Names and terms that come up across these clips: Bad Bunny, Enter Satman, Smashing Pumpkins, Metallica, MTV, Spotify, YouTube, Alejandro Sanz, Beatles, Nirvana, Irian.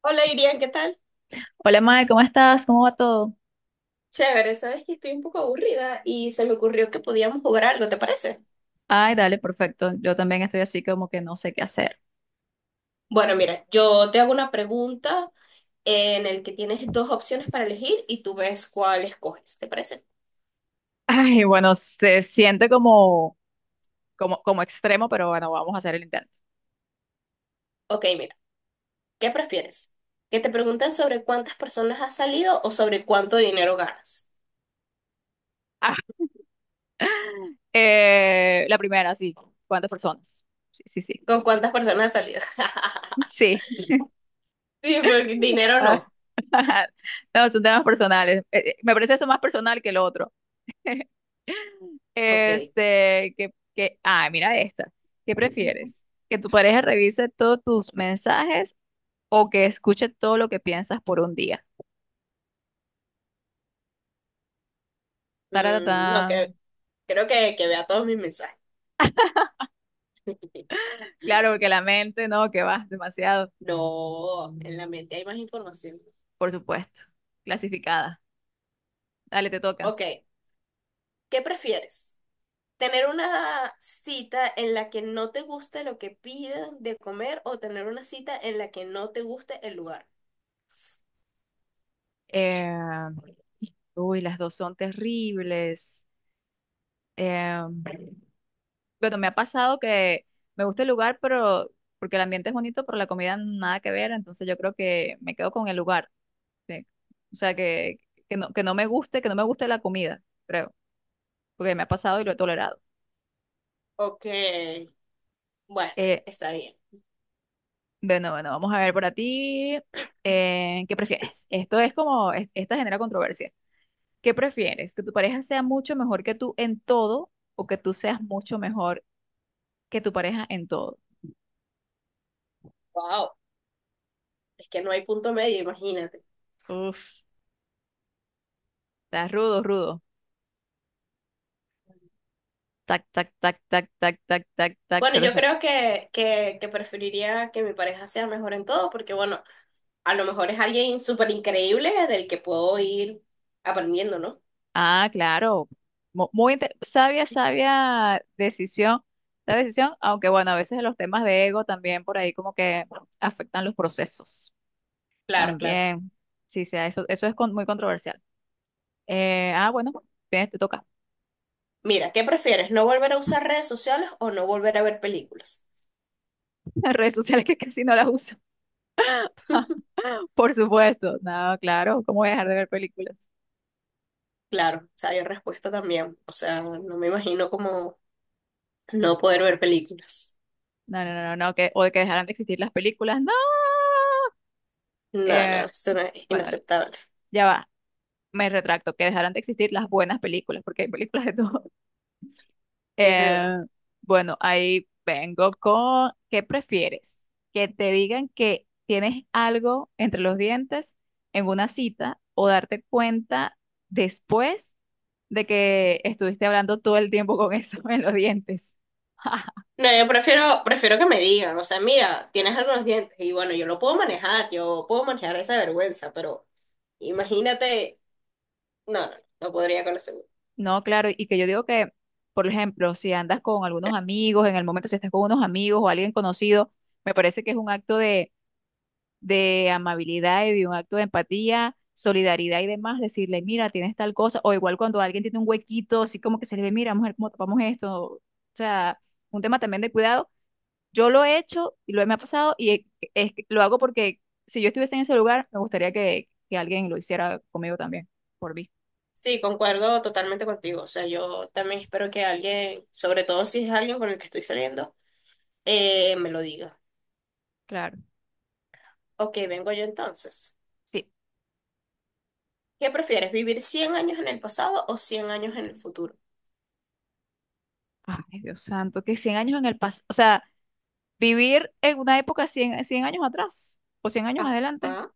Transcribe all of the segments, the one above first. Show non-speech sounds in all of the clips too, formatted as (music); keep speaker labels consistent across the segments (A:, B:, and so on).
A: Hola, Irian, ¿qué tal?
B: Hola Mae, ¿cómo estás? ¿Cómo va todo?
A: Chévere, sabes que estoy un poco aburrida y se me ocurrió que podíamos jugar algo, ¿te parece?
B: Ay, dale, perfecto. Yo también estoy así como que no sé qué hacer.
A: Bueno, mira, yo te hago una pregunta en el que tienes dos opciones para elegir y tú ves cuál escoges, ¿te parece?
B: (laughs) Ay, bueno, se siente como, como extremo, pero bueno, vamos a hacer el intento.
A: Ok, mira, ¿qué prefieres? ¿Que te pregunten sobre cuántas personas has salido o sobre cuánto dinero ganas?
B: Ah, la primera, sí. ¿Cuántas personas? Sí, sí, sí.
A: ¿Con cuántas personas has salido? (laughs)
B: Sí.
A: Sí, porque dinero
B: Ah,
A: no.
B: (laughs) No, son temas personales. Me parece eso más personal que el otro.
A: Ok.
B: Este, ah, mira esta. ¿Qué prefieres? ¿Que tu pareja revise todos tus mensajes o que escuche todo lo que piensas por un día? Taratata.
A: Mm, no, que creo que vea todos mis mensajes. (laughs)
B: Claro, porque la mente, no, que va demasiado,
A: No, en la mente hay más información.
B: por supuesto. Clasificada. Dale, te toca.
A: Ok. ¿Qué prefieres? ¿Tener una cita en la que no te guste lo que pidan de comer o tener una cita en la que no te guste el lugar?
B: Eh, Uy, las dos son terribles. Eh, bueno, me ha pasado que me gusta el lugar, pero porque el ambiente es bonito, pero la comida nada que ver, entonces yo creo que me quedo con el lugar. ¿Sí? O sea, que, que no me guste, que no me guste la comida, creo, porque me ha pasado y lo he tolerado.
A: Ok, bueno,
B: Eh,
A: está bien.
B: Bueno, vamos a ver para ti. ¿Qué prefieres? Esto es como, esta genera controversia. ¿Qué prefieres? ¿Que tu pareja sea mucho mejor que tú en todo o que tú seas mucho mejor que tu pareja en todo?
A: Wow, es que no hay punto medio, imagínate.
B: Uf, está rudo, rudo. Tac, tac, tac, tac, tac, tac, tac, tac,
A: Bueno,
B: tac,
A: yo
B: tac.
A: creo que preferiría que mi pareja sea mejor en todo, porque bueno, a lo mejor es alguien súper increíble del que puedo ir aprendiendo, ¿no?
B: Ah, claro. Muy, sabia, sabia decisión. Sabia decisión, aunque bueno, a veces los temas de ego también por ahí como que afectan los procesos.
A: Claro, claro.
B: También. Sí, sí, eso, es muy controversial. Bueno, bien, te toca.
A: Mira, ¿qué prefieres? ¿No volver a usar
B: (laughs)
A: redes sociales o no volver a ver películas?
B: Las redes sociales que casi no las uso. (laughs) Por supuesto. No, claro. ¿Cómo voy a dejar de ver películas?
A: Claro, o sea, hay respuesta también. O sea, no me imagino como no poder ver películas.
B: No, no, no, no, no, que, o de que dejaran de existir las películas. No.
A: No, no,
B: Eh,
A: eso no es
B: bueno,
A: inaceptable.
B: ya va. Me retracto. Que dejaran de existir las buenas películas, porque hay películas de todo. (laughs)
A: Es verdad.
B: Eh, bueno, ahí vengo con. ¿Qué prefieres? Que te digan que tienes algo entre los dientes en una cita o darte cuenta después de que estuviste hablando todo el tiempo con eso (laughs) en los dientes. (laughs)
A: No, yo prefiero, prefiero que me digan, o sea, mira, tienes algunos dientes y bueno, yo lo puedo manejar, yo puedo manejar esa vergüenza, pero imagínate, no, no, no podría con la segunda.
B: No, claro, y que yo digo que, por ejemplo, si andas con algunos amigos, en el momento si estás con unos amigos o alguien conocido, me parece que es un acto de amabilidad y de un acto de empatía, solidaridad y demás, decirle, mira, tienes tal cosa, o igual cuando alguien tiene un huequito, así como que se le ve, mira, mujer, cómo tapamos esto, o sea, un tema también de cuidado. Yo lo he hecho y lo me ha pasado es que lo hago porque si yo estuviese en ese lugar, me gustaría que alguien lo hiciera conmigo también, por mí.
A: Sí, concuerdo totalmente contigo. O sea, yo también espero que alguien, sobre todo si es alguien con el que estoy saliendo, me lo diga.
B: Claro,
A: Ok, vengo yo entonces.
B: sí.
A: ¿Qué prefieres, vivir 100 años en el pasado o 100 años en el futuro?
B: Ay, Dios santo, que 100 años en el pasado, o sea, vivir en una época 100 años atrás o 100 años adelante.
A: Ajá.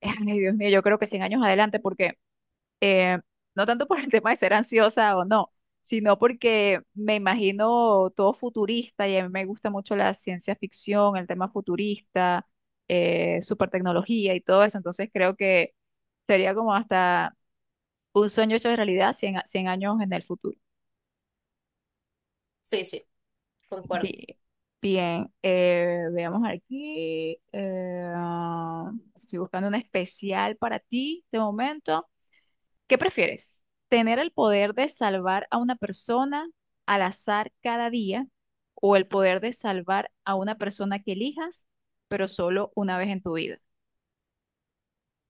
B: Ay, Dios mío, yo creo que 100 años adelante porque eh, no tanto por el (laughs) tema de ser ansiosa o no, sino porque me imagino todo futurista y a mí me gusta mucho la ciencia ficción, el tema futurista, super tecnología y todo eso, entonces creo que sería como hasta un sueño hecho de realidad 100 años en el futuro.
A: Sí, sí, concuerdo.
B: Bi- Bien, veamos aquí, estoy buscando un especial para ti de momento. ¿Qué prefieres? ¿Tener el poder de salvar a una persona al azar cada día o el poder de salvar a una persona que elijas, pero solo una vez en tu vida?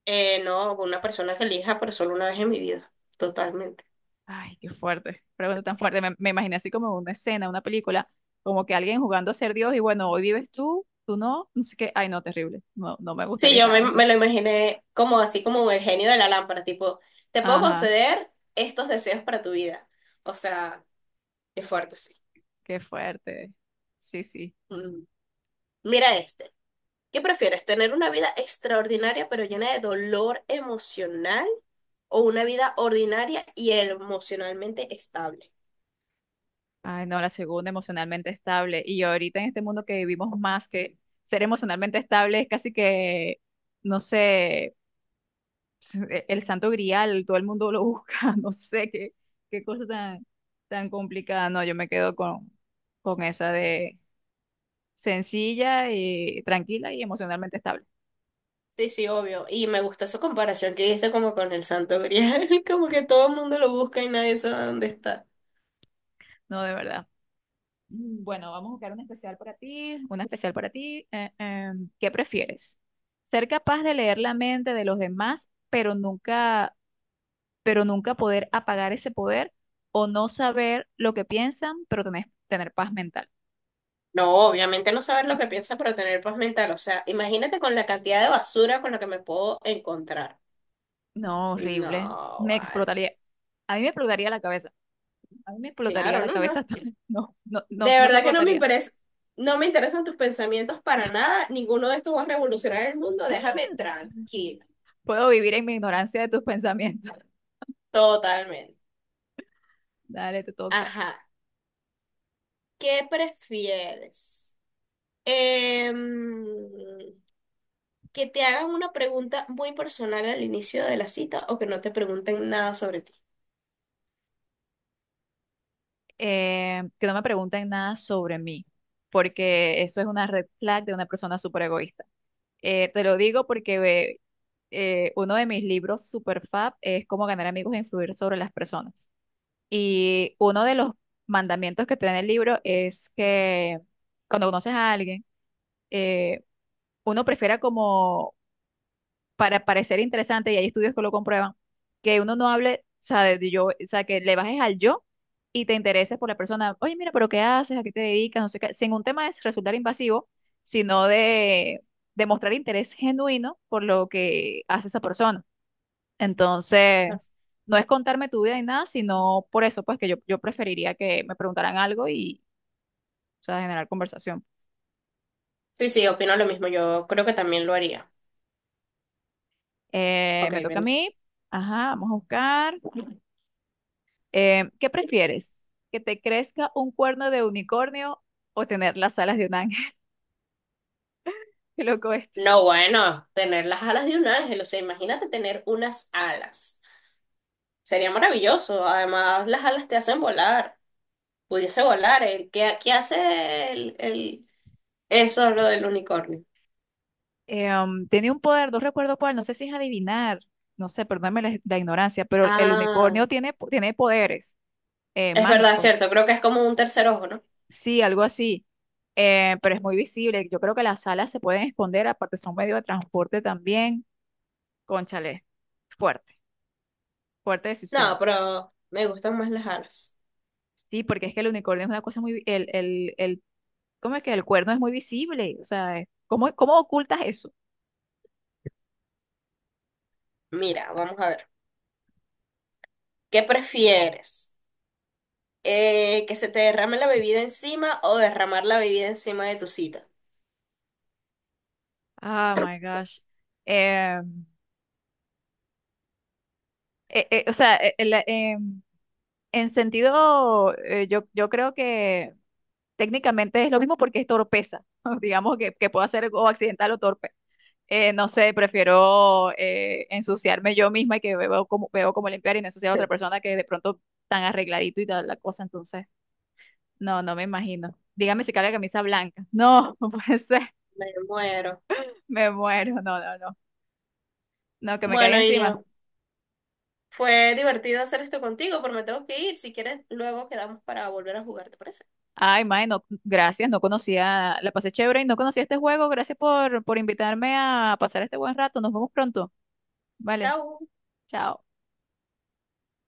A: No, una persona que elija, pero solo una vez en mi vida, totalmente.
B: Ay, qué fuerte. Pregunta tan fuerte. Me imaginé así como una escena, una película, como que alguien jugando a ser Dios y bueno, hoy vives tú, no sé qué. Ay, no, terrible. No, no me
A: Sí,
B: gustaría
A: yo
B: estar
A: me,
B: en esa.
A: me lo imaginé como así como el genio de la lámpara, tipo, te puedo
B: Ajá,
A: conceder estos deseos para tu vida. O sea, qué fuerte, sí.
B: qué fuerte. Sí, sí.
A: Mm. Mira este. ¿Qué prefieres, tener una vida extraordinaria pero llena de dolor emocional o una vida ordinaria y emocionalmente estable?
B: Ay, no, la segunda, emocionalmente estable. Y ahorita en este mundo que vivimos más que ser emocionalmente estable es casi que, no sé, el santo grial, todo el mundo lo busca, (laughs) no sé qué, qué cosa tan, tan complicada. No, yo me quedo con esa de sencilla y tranquila y emocionalmente estable.
A: Sí, sí, obvio. Y me gusta esa comparación que hiciste como con el Santo Grial, (laughs) como que todo el mundo lo busca y nadie sabe dónde está.
B: No, de verdad. Mm, bueno, vamos a buscar una especial para ti, una especial para ti. ¿Qué prefieres? ¿Ser capaz de leer la mente de los demás, pero nunca poder apagar ese poder o no saber lo que piensan, pero tener paz mental?
A: No, obviamente no saber lo que piensa, pero tener paz mental. O sea, imagínate con la cantidad de basura con la que me puedo encontrar.
B: No, horrible.
A: No,
B: Me
A: vale.
B: explotaría. A mí me explotaría la cabeza. A mí me explotaría
A: Claro,
B: la
A: no,
B: cabeza.
A: no.
B: (laughs) No, no, no,
A: De
B: no
A: verdad que no me
B: soportaría.
A: interesa, no me interesan tus pensamientos para nada. Ninguno de estos va a revolucionar el mundo. Déjame tranquilo.
B: Puedo vivir en mi ignorancia de tus pensamientos. (laughs)
A: Totalmente.
B: Dale, te toca.
A: Ajá. ¿Qué prefieres? Em, ¿Que te hagan una pregunta muy personal al inicio de la cita o que no te pregunten nada sobre ti?
B: Que no me pregunten nada sobre mí, porque eso es una red flag de una persona súper egoísta. Te lo digo porque uno de mis libros super fab es Cómo ganar amigos e influir sobre las personas. Y uno de los mandamientos que te da en el libro es que cuando conoces a alguien, eh, uno prefiera como, para parecer interesante, y hay estudios que lo comprueban, que uno no hable, o sea, de yo, o sea, que le bajes al yo y te intereses por la persona. Oye, mira, pero ¿qué haces? ¿A qué te dedicas? No sé qué. Sin un tema es resultar invasivo, sino de demostrar interés genuino por lo que hace esa persona.
A: Ah.
B: Entonces, no es contarme tu vida ni nada, sino por eso, pues que yo preferiría que me preguntaran algo y, o sea, generar conversación.
A: Sí, sí, opino lo mismo. Yo creo que también lo haría. Ok,
B: Me toca a
A: bien tú.
B: mí. Ajá, vamos a buscar. ¿Qué prefieres? ¿Que te crezca un cuerno de unicornio o tener las alas de un ángel? (laughs) Qué loco esto.
A: No, bueno, tener las alas de un ángel. O sea, imagínate tener unas alas. Sería maravilloso. Además, las alas te hacen volar. Pudiese volar. ¿Eh? ¿Qué, qué hace eso, lo del unicornio?
B: Tiene un poder, no recuerdo cuál, no sé si es adivinar, no sé, perdóname la ignorancia, pero el
A: Ah.
B: unicornio tiene, tiene poderes
A: Es verdad, es
B: mágicos.
A: cierto. Creo que es como un tercer ojo, ¿no?
B: Sí, algo así. Pero es muy visible. Yo creo que las alas se pueden esconder, aparte son medio de transporte también. Cónchale, fuerte, fuerte
A: No,
B: decisión.
A: pero me gustan más las alas.
B: Sí, porque es que el unicornio es una cosa muy... ¿cómo es que el cuerno es muy visible? O sea, ¿cómo ocultas eso?
A: Mira, vamos a ver. ¿Qué prefieres? ¿Que se te derrame la bebida encima o derramar la bebida encima de tu cita?
B: Ah, my gosh. Eh, o sea, en sentido, yo creo que técnicamente es lo mismo porque es torpeza. (laughs) Digamos que puede ser o accidental o torpe. No sé, prefiero ensuciarme yo misma y que veo como limpiar y no ensuciar a otra
A: (laughs)
B: persona que de pronto tan arregladito y tal la cosa. Entonces, no, no me imagino. Dígame si cae la camisa blanca. No, (laughs) no puede ser.
A: Me muero.
B: Me muero. No, no, no. No, que me caiga
A: Bueno,
B: encima.
A: Irian, fue divertido hacer esto contigo, pero me tengo que ir. Si quieres, luego quedamos para volver a jugar, ¿te parece?
B: Ay, mae, no, gracias. No conocía, la pasé chévere y no conocía este juego. Gracias por invitarme a pasar este buen rato. Nos vemos pronto. Vale,
A: Chao.
B: chao.